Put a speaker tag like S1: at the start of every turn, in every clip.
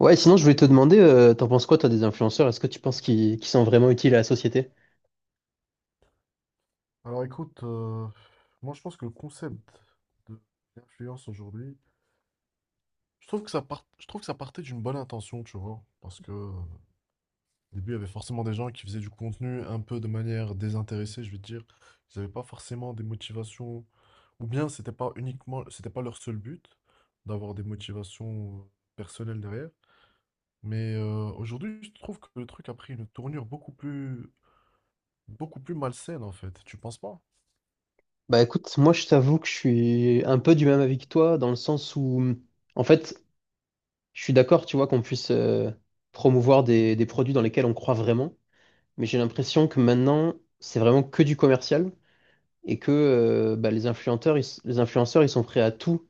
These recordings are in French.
S1: Ouais, sinon je voulais te demander, t'en penses quoi toi des influenceurs? Est-ce que tu penses qu'ils sont vraiment utiles à la société?
S2: Alors écoute, moi je pense que le concept de l'influence aujourd'hui, je trouve que ça partait d'une bonne intention, tu vois, parce que au début il y avait forcément des gens qui faisaient du contenu un peu de manière désintéressée, je veux dire, ils n'avaient pas forcément des motivations, ou bien c'était pas leur seul but d'avoir des motivations personnelles derrière. Mais aujourd'hui, je trouve que le truc a pris une tournure beaucoup plus malsaine en fait. Tu penses pas?
S1: Bah écoute, moi je t'avoue que je suis un peu du même avis que toi, dans le sens où en fait je suis d'accord, tu vois, qu'on puisse promouvoir des produits dans lesquels on croit vraiment, mais j'ai l'impression que maintenant c'est vraiment que du commercial et les influenceurs, les influenceurs ils sont prêts à tout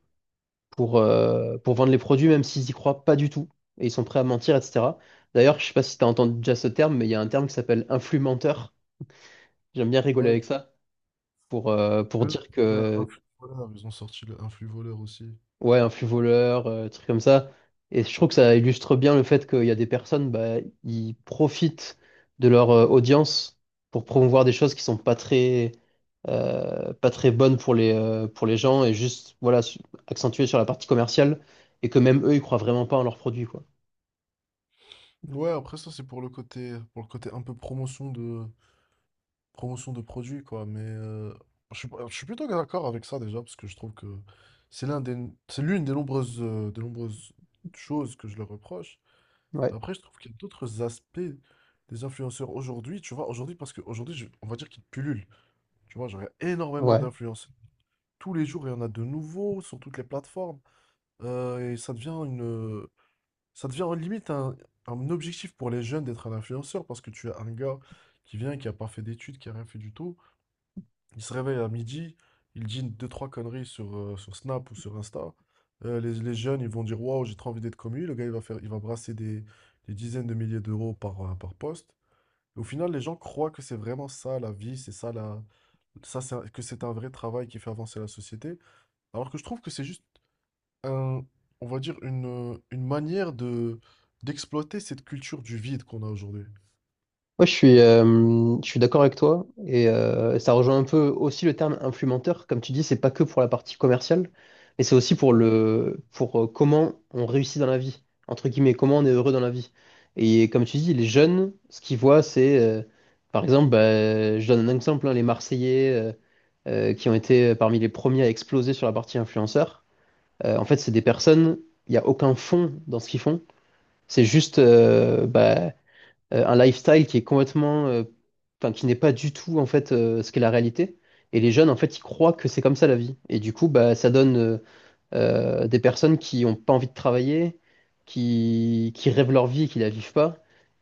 S1: pour vendre les produits, même s'ils y croient pas du tout, et ils sont prêts à mentir, etc. D'ailleurs, je sais pas si t'as entendu déjà ce terme, mais il y a un terme qui s'appelle influmenteur. J'aime bien rigoler
S2: Ouais,
S1: avec ça pour
S2: ouais.
S1: dire
S2: Un
S1: que,
S2: flux voleur, ils ont sorti le- un flux voleur aussi.
S1: ouais, un flux voleur, truc comme ça. Et je trouve que ça illustre bien le fait qu'il y a des personnes, bah, ils profitent de leur audience pour promouvoir des choses qui sont pas très, pas très bonne pour les gens et juste voilà, accentuée sur la partie commerciale et que même eux, ils croient vraiment pas en leurs produits, quoi.
S2: Ouais, après ça c'est pour le côté un peu promotion de produits quoi, mais je suis, pas- je suis plutôt d'accord avec ça déjà parce que je trouve que c'est l'un des c'est l'une des nombreuses choses que je leur reproche.
S1: Ouais,
S2: Après je trouve qu'il y a d'autres aspects des influenceurs aujourd'hui, tu vois, aujourd'hui parce qu'aujourd'hui on va dire qu'ils pullulent. Tu vois, j'aurais énormément
S1: ouais.
S2: d'influenceurs. Tous les jours, il y en a de nouveaux sur toutes les plateformes. Euh, et ça devient une, Ça devient limite un objectif pour les jeunes d'être un influenceur parce que tu as un gars qui vient, qui a pas fait d'études, qui a rien fait du tout. Il se réveille à midi, il dit deux, trois conneries sur Snap ou sur Insta. Les jeunes, ils vont dire waouh, j'ai trop envie d'être comme lui. Le gars, il va brasser des dizaines de milliers d'euros par poste. Et au final, les gens croient que c'est vraiment ça la vie, c'est ça la, ça c'est un- que c'est un vrai travail qui fait avancer la société. Alors que je trouve que c'est juste un- on va dire une manière de d'exploiter cette culture du vide qu'on a aujourd'hui.
S1: Moi, je suis d'accord avec toi et ça rejoint un peu aussi le terme influenceur. Comme tu dis, c'est pas que pour la partie commerciale, mais c'est aussi pour
S2: Ouais.
S1: le, pour comment on réussit dans la vie, entre guillemets, comment on est heureux dans la vie. Et comme tu dis, les jeunes, ce qu'ils voient, c'est, par exemple, bah, je donne un exemple, hein, les Marseillais qui ont été parmi les premiers à exploser sur la partie influenceur. En fait, c'est des personnes, il n'y a aucun fond dans ce qu'ils font. C'est juste, un lifestyle qui est complètement, enfin, qui n'est pas du tout en fait ce qu'est la réalité. Et les jeunes, en fait, ils croient que c'est comme ça la vie. Et du coup, bah, ça donne, des personnes qui n'ont pas envie de travailler, qui rêvent leur vie et qui la vivent pas,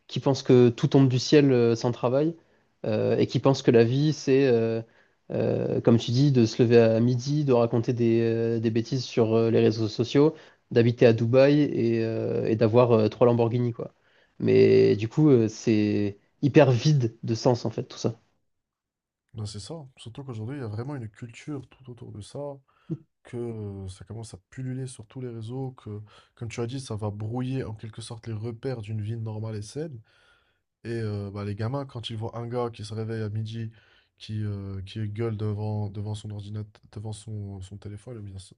S1: qui pensent que tout tombe du ciel sans travail, et qui pensent que la vie, c'est, comme tu dis, de se lever à midi, de raconter des bêtises sur les réseaux sociaux, d'habiter à Dubaï et d'avoir trois Lamborghini, quoi. Mais du coup, c'est hyper vide de sens, en fait, tout ça.
S2: Ben, c'est ça, hein. Surtout qu'aujourd'hui, il y a vraiment une culture tout autour de ça, que ça commence à pulluler sur tous les réseaux, que, comme tu as dit, ça va brouiller en quelque sorte les repères d'une vie normale et saine. Et bah, les gamins, quand ils voient un gars qui se réveille à midi, qui gueule devant son ordinateur, devant son téléphone,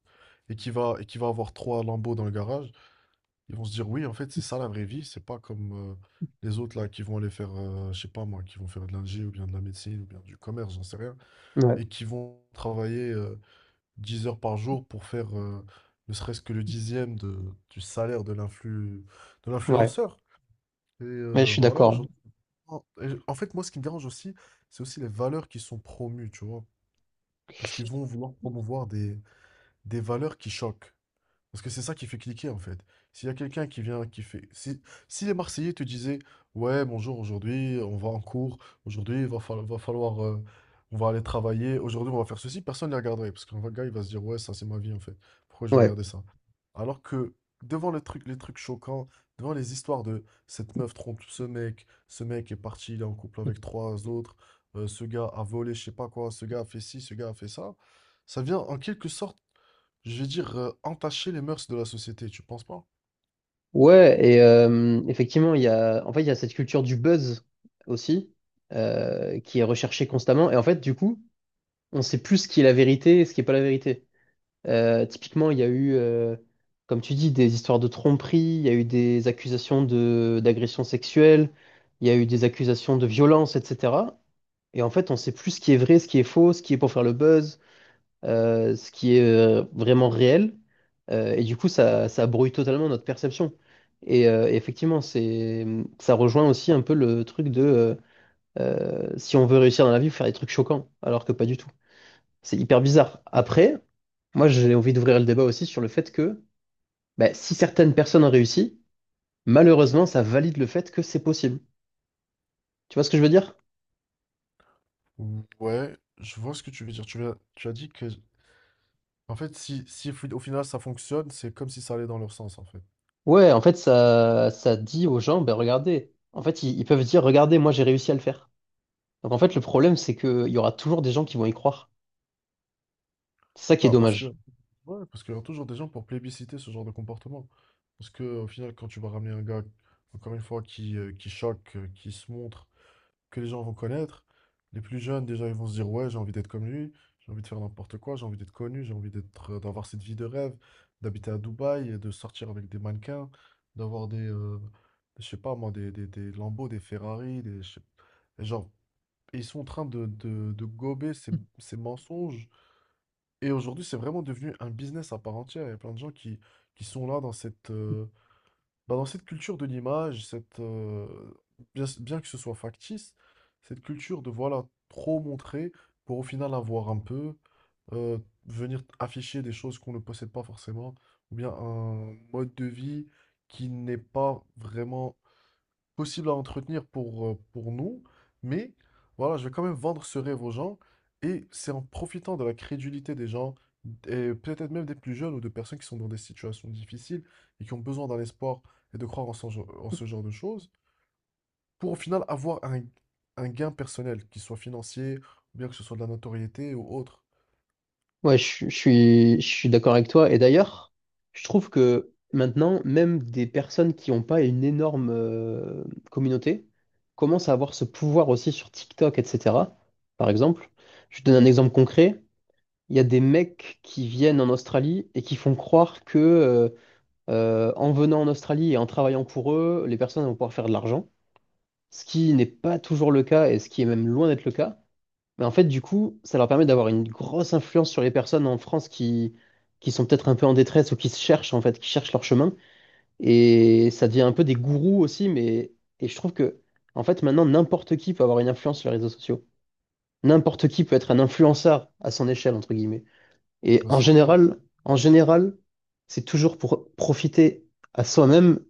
S2: et qui va avoir trois lambeaux dans le garage. Ils vont se dire, oui, en fait, c'est ça la vraie vie. C'est pas comme les autres là qui vont aller faire, je sais pas moi, qui vont faire de l'ingé ou bien de la médecine ou bien du commerce, j'en sais rien,
S1: Ouais,
S2: et qui vont travailler 10 heures par jour pour faire ne serait-ce que le dixième du salaire de de
S1: ouais,
S2: l'influenceur. Et
S1: ouais,
S2: euh,
S1: je suis
S2: voilà,
S1: d'accord.
S2: aujourd'hui. En fait, moi, ce qui me dérange aussi, c'est aussi les valeurs qui sont promues, tu vois. Parce qu'ils vont vouloir promouvoir des valeurs qui choquent. Parce que c'est ça qui fait cliquer en fait. S'il y a quelqu'un qui vient, qui fait. Si les Marseillais te disaient, ouais, bonjour, aujourd'hui, on va en cours, aujourd'hui, va falloir, on va aller travailler, aujourd'hui, on va faire ceci, personne ne les regarderait. Parce qu'un gars, il va se dire, ouais, ça, c'est ma vie en fait. Pourquoi je vais
S1: Ouais.
S2: regarder ça? Alors que devant les trucs choquants, devant les histoires de cette meuf trompe ce mec est parti, il est en couple avec trois autres, ce gars a volé, je sais pas quoi, ce gars a fait ci, ce gars a fait ça, ça vient en quelque sorte je vais dire, entacher les mœurs de la société, tu penses pas?
S1: Ouais, et effectivement, il y a, en fait, il y a cette culture du buzz aussi, qui est recherchée constamment. Et en fait, du coup, on sait plus ce qui est la vérité et ce qui n'est pas la vérité. Typiquement, il y a eu, comme tu dis, des histoires de tromperie, il y a eu des accusations d'agression sexuelle, il y a eu des accusations de violence, etc. Et en fait, on sait plus ce qui est vrai, ce qui est faux, ce qui est pour faire le buzz ce qui est vraiment réel. Et du coup, ça brouille totalement notre perception. Et effectivement, c'est, ça rejoint aussi un peu le truc de si on veut réussir dans la vie, faut faire des trucs choquants, alors que pas du tout. C'est hyper bizarre. Après, moi, j'ai envie d'ouvrir le débat aussi sur le fait que bah, si certaines personnes ont réussi, malheureusement, ça valide le fait que c'est possible. Tu vois ce que je veux dire?
S2: Ouais, je vois ce que tu veux dire. Tu as dit que, en fait, si au final ça fonctionne, c'est comme si ça allait dans leur sens, en fait.
S1: Ouais, en fait, ça dit aux gens, ben regardez, en fait, ils peuvent dire, regardez, moi, j'ai réussi à le faire. Donc en fait, le problème, c'est qu'il y aura toujours des gens qui vont y croire. C'est ça qui est
S2: Bah,
S1: dommage.
S2: ouais, parce qu'il y aura toujours des gens pour plébisciter ce genre de comportement. Parce que, au final, quand tu vas ramener un gars, encore une fois, qui choque, qui se montre, que les gens vont connaître, les plus jeunes, déjà, ils vont se dire, ouais, j'ai envie d'être comme lui, j'ai envie de faire n'importe quoi, j'ai envie d'être connu, j'ai envie d'être, d'avoir cette vie de rêve, d'habiter à Dubaï, et de sortir avec des mannequins, d'avoir des, je sais pas moi, des Lambo, des Ferrari, et genre, ils sont en train de gober ces, ces mensonges et aujourd'hui, c'est vraiment devenu un business à part entière. Il y a plein de gens qui sont là bah, dans cette culture de l'image, bien que ce soit factice, cette culture de voilà, trop montrer pour au final avoir euh, venir afficher des choses qu'on ne possède pas forcément, ou bien un mode de vie qui n'est pas vraiment possible à entretenir pour nous, mais voilà, je vais quand même vendre ce rêve aux gens, et c'est en profitant de la crédulité des gens, et peut-être même des plus jeunes ou de personnes qui sont dans des situations difficiles et qui ont besoin d'un espoir et de croire en ce genre de choses, pour au final avoir un gain personnel, qu'il soit financier, ou bien que ce soit de la notoriété ou autre.
S1: Ouais, je suis d'accord avec toi. Et d'ailleurs, je trouve que maintenant, même des personnes qui n'ont pas une énorme communauté commencent à avoir ce pouvoir aussi sur TikTok, etc. Par exemple, je te donne un exemple concret. Il y a des mecs qui viennent en Australie et qui font croire que en venant en Australie et en travaillant pour eux, les personnes vont pouvoir faire de l'argent, ce qui n'est pas toujours le cas et ce qui est même loin d'être le cas. Mais en fait, du coup, ça leur permet d'avoir une grosse influence sur les personnes en France qui sont peut-être un peu en détresse ou qui se cherchent, en fait, qui cherchent leur chemin. Et ça devient un peu des gourous aussi, mais et je trouve que, en fait, maintenant, n'importe qui peut avoir une influence sur les réseaux sociaux. N'importe qui peut être un influenceur à son échelle, entre guillemets. Et
S2: Ben, c'est clair, hein.
S1: en général, c'est toujours pour profiter à soi-même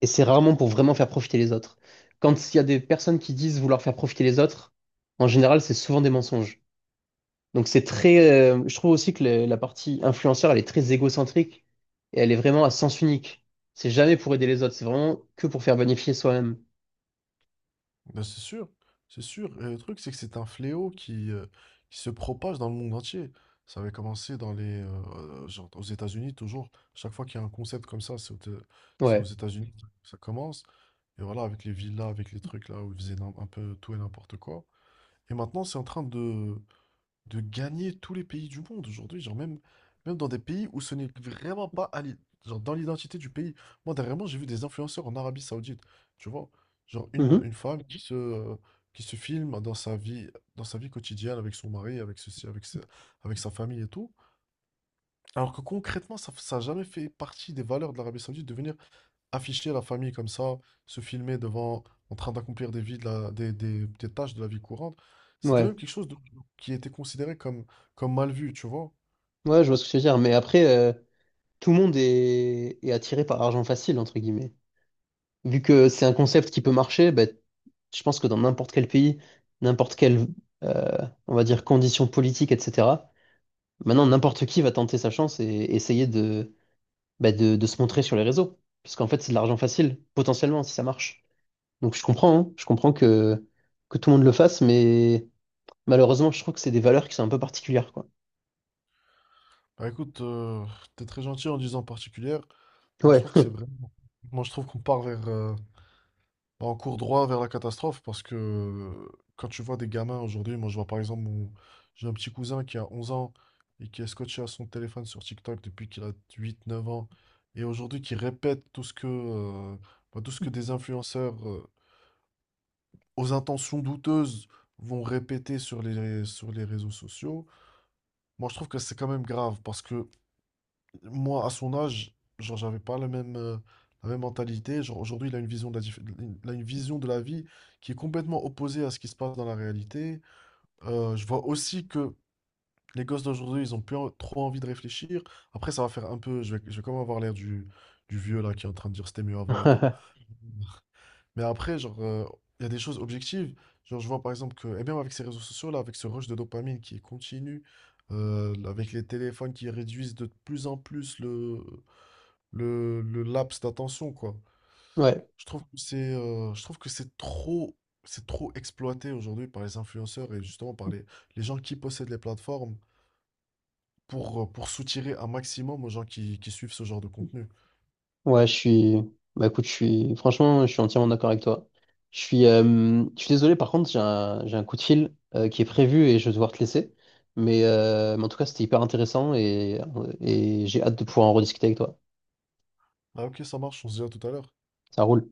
S1: et c'est rarement pour vraiment faire profiter les autres. Quand il y a des personnes qui disent vouloir faire profiter les autres, en général, c'est souvent des mensonges. Donc c'est très, je trouve aussi que la partie influenceur, elle est très égocentrique et elle est vraiment à sens unique. C'est jamais pour aider les autres, c'est vraiment que pour faire bénéficier soi-même.
S2: Ben, c'est sûr, c'est sûr. Et le truc, c'est que c'est un fléau qui se propage dans le monde entier. Ça avait commencé genre aux États-Unis toujours. Chaque fois qu'il y a un concept comme ça, c'est aux
S1: Ouais.
S2: États-Unis que ça commence. Et voilà, avec les villas, avec les trucs là où ils faisaient un peu tout et n'importe quoi. Et maintenant, c'est en train de gagner tous les pays du monde aujourd'hui, genre même dans des pays où ce n'est vraiment pas genre dans l'identité du pays. Moi, dernièrement, j'ai vu des influenceurs en Arabie Saoudite, tu vois, genre une
S1: Mhm.
S2: femme qui se filme dans sa vie quotidienne avec son mari, avec ceci, avec sa famille et tout, alors que concrètement, ça n'a jamais fait partie des valeurs de l'Arabie Saoudite de venir afficher la famille comme ça, se filmer devant, en train d'accomplir des tâches de la vie courante, c'était
S1: Ouais.
S2: même quelque chose qui était considéré comme mal vu, tu vois.
S1: Ouais, je vois ce que tu veux dire. Mais après, tout le monde est attiré par l'argent facile, entre guillemets. Vu que c'est un concept qui peut marcher, ben, je pense que dans n'importe quel pays, n'importe quelle, euh, on va dire, condition politique, etc., maintenant, n'importe qui va tenter sa chance et essayer de bah, de se montrer sur les réseaux. Parce qu'en fait, c'est de l'argent facile, potentiellement, si ça marche. Donc je comprends, hein. Je comprends que tout le monde le fasse, mais malheureusement, je trouve que c'est des valeurs qui sont un peu particulières, quoi.
S2: Bah écoute, t'es très gentil en disant particulière. Moi je
S1: Ouais.
S2: trouve que c'est vraiment. Moi je trouve qu'on part vers, bah, on court droit vers la catastrophe parce que quand tu vois des gamins aujourd'hui, moi je vois par exemple j'ai un petit cousin qui a 11 ans et qui est scotché à son téléphone sur TikTok depuis qu'il a 8, 9 ans et aujourd'hui qui répète bah, tout ce que des influenceurs aux intentions douteuses vont répéter sur les réseaux sociaux. Moi je trouve que c'est quand même grave parce que moi, à son âge, genre, j'avais pas la même mentalité. Genre, aujourd'hui, il a une vision de la vie qui est complètement opposée à ce qui se passe dans la réalité. Je vois aussi que les gosses d'aujourd'hui, ils ont trop envie de réfléchir. Après, ça va faire un peu, je vais quand même avoir l'air du vieux là qui est en train de dire c'était mieux avant et tout. Mais après, genre, il y a des choses objectives. Genre, je vois par exemple que, et même avec ces réseaux sociaux là, avec ce rush de dopamine qui est continu, avec les téléphones qui réduisent de plus en plus le laps d'attention, quoi.
S1: Ouais.
S2: Je trouve que c'est trop exploité aujourd'hui par les influenceurs et justement par les gens qui possèdent les plateformes pour soutirer un maximum aux gens qui suivent ce genre de contenu.
S1: Ouais, je suis. Bah écoute, je suis. Franchement, je suis entièrement d'accord avec toi. Je suis désolé, par contre, j'ai un coup de fil qui est prévu et je vais devoir te laisser. Mais en tout cas, c'était hyper intéressant et j'ai hâte de pouvoir en rediscuter avec toi.
S2: Ah ok, ça marche, on se dit à tout à l'heure.
S1: Ça roule.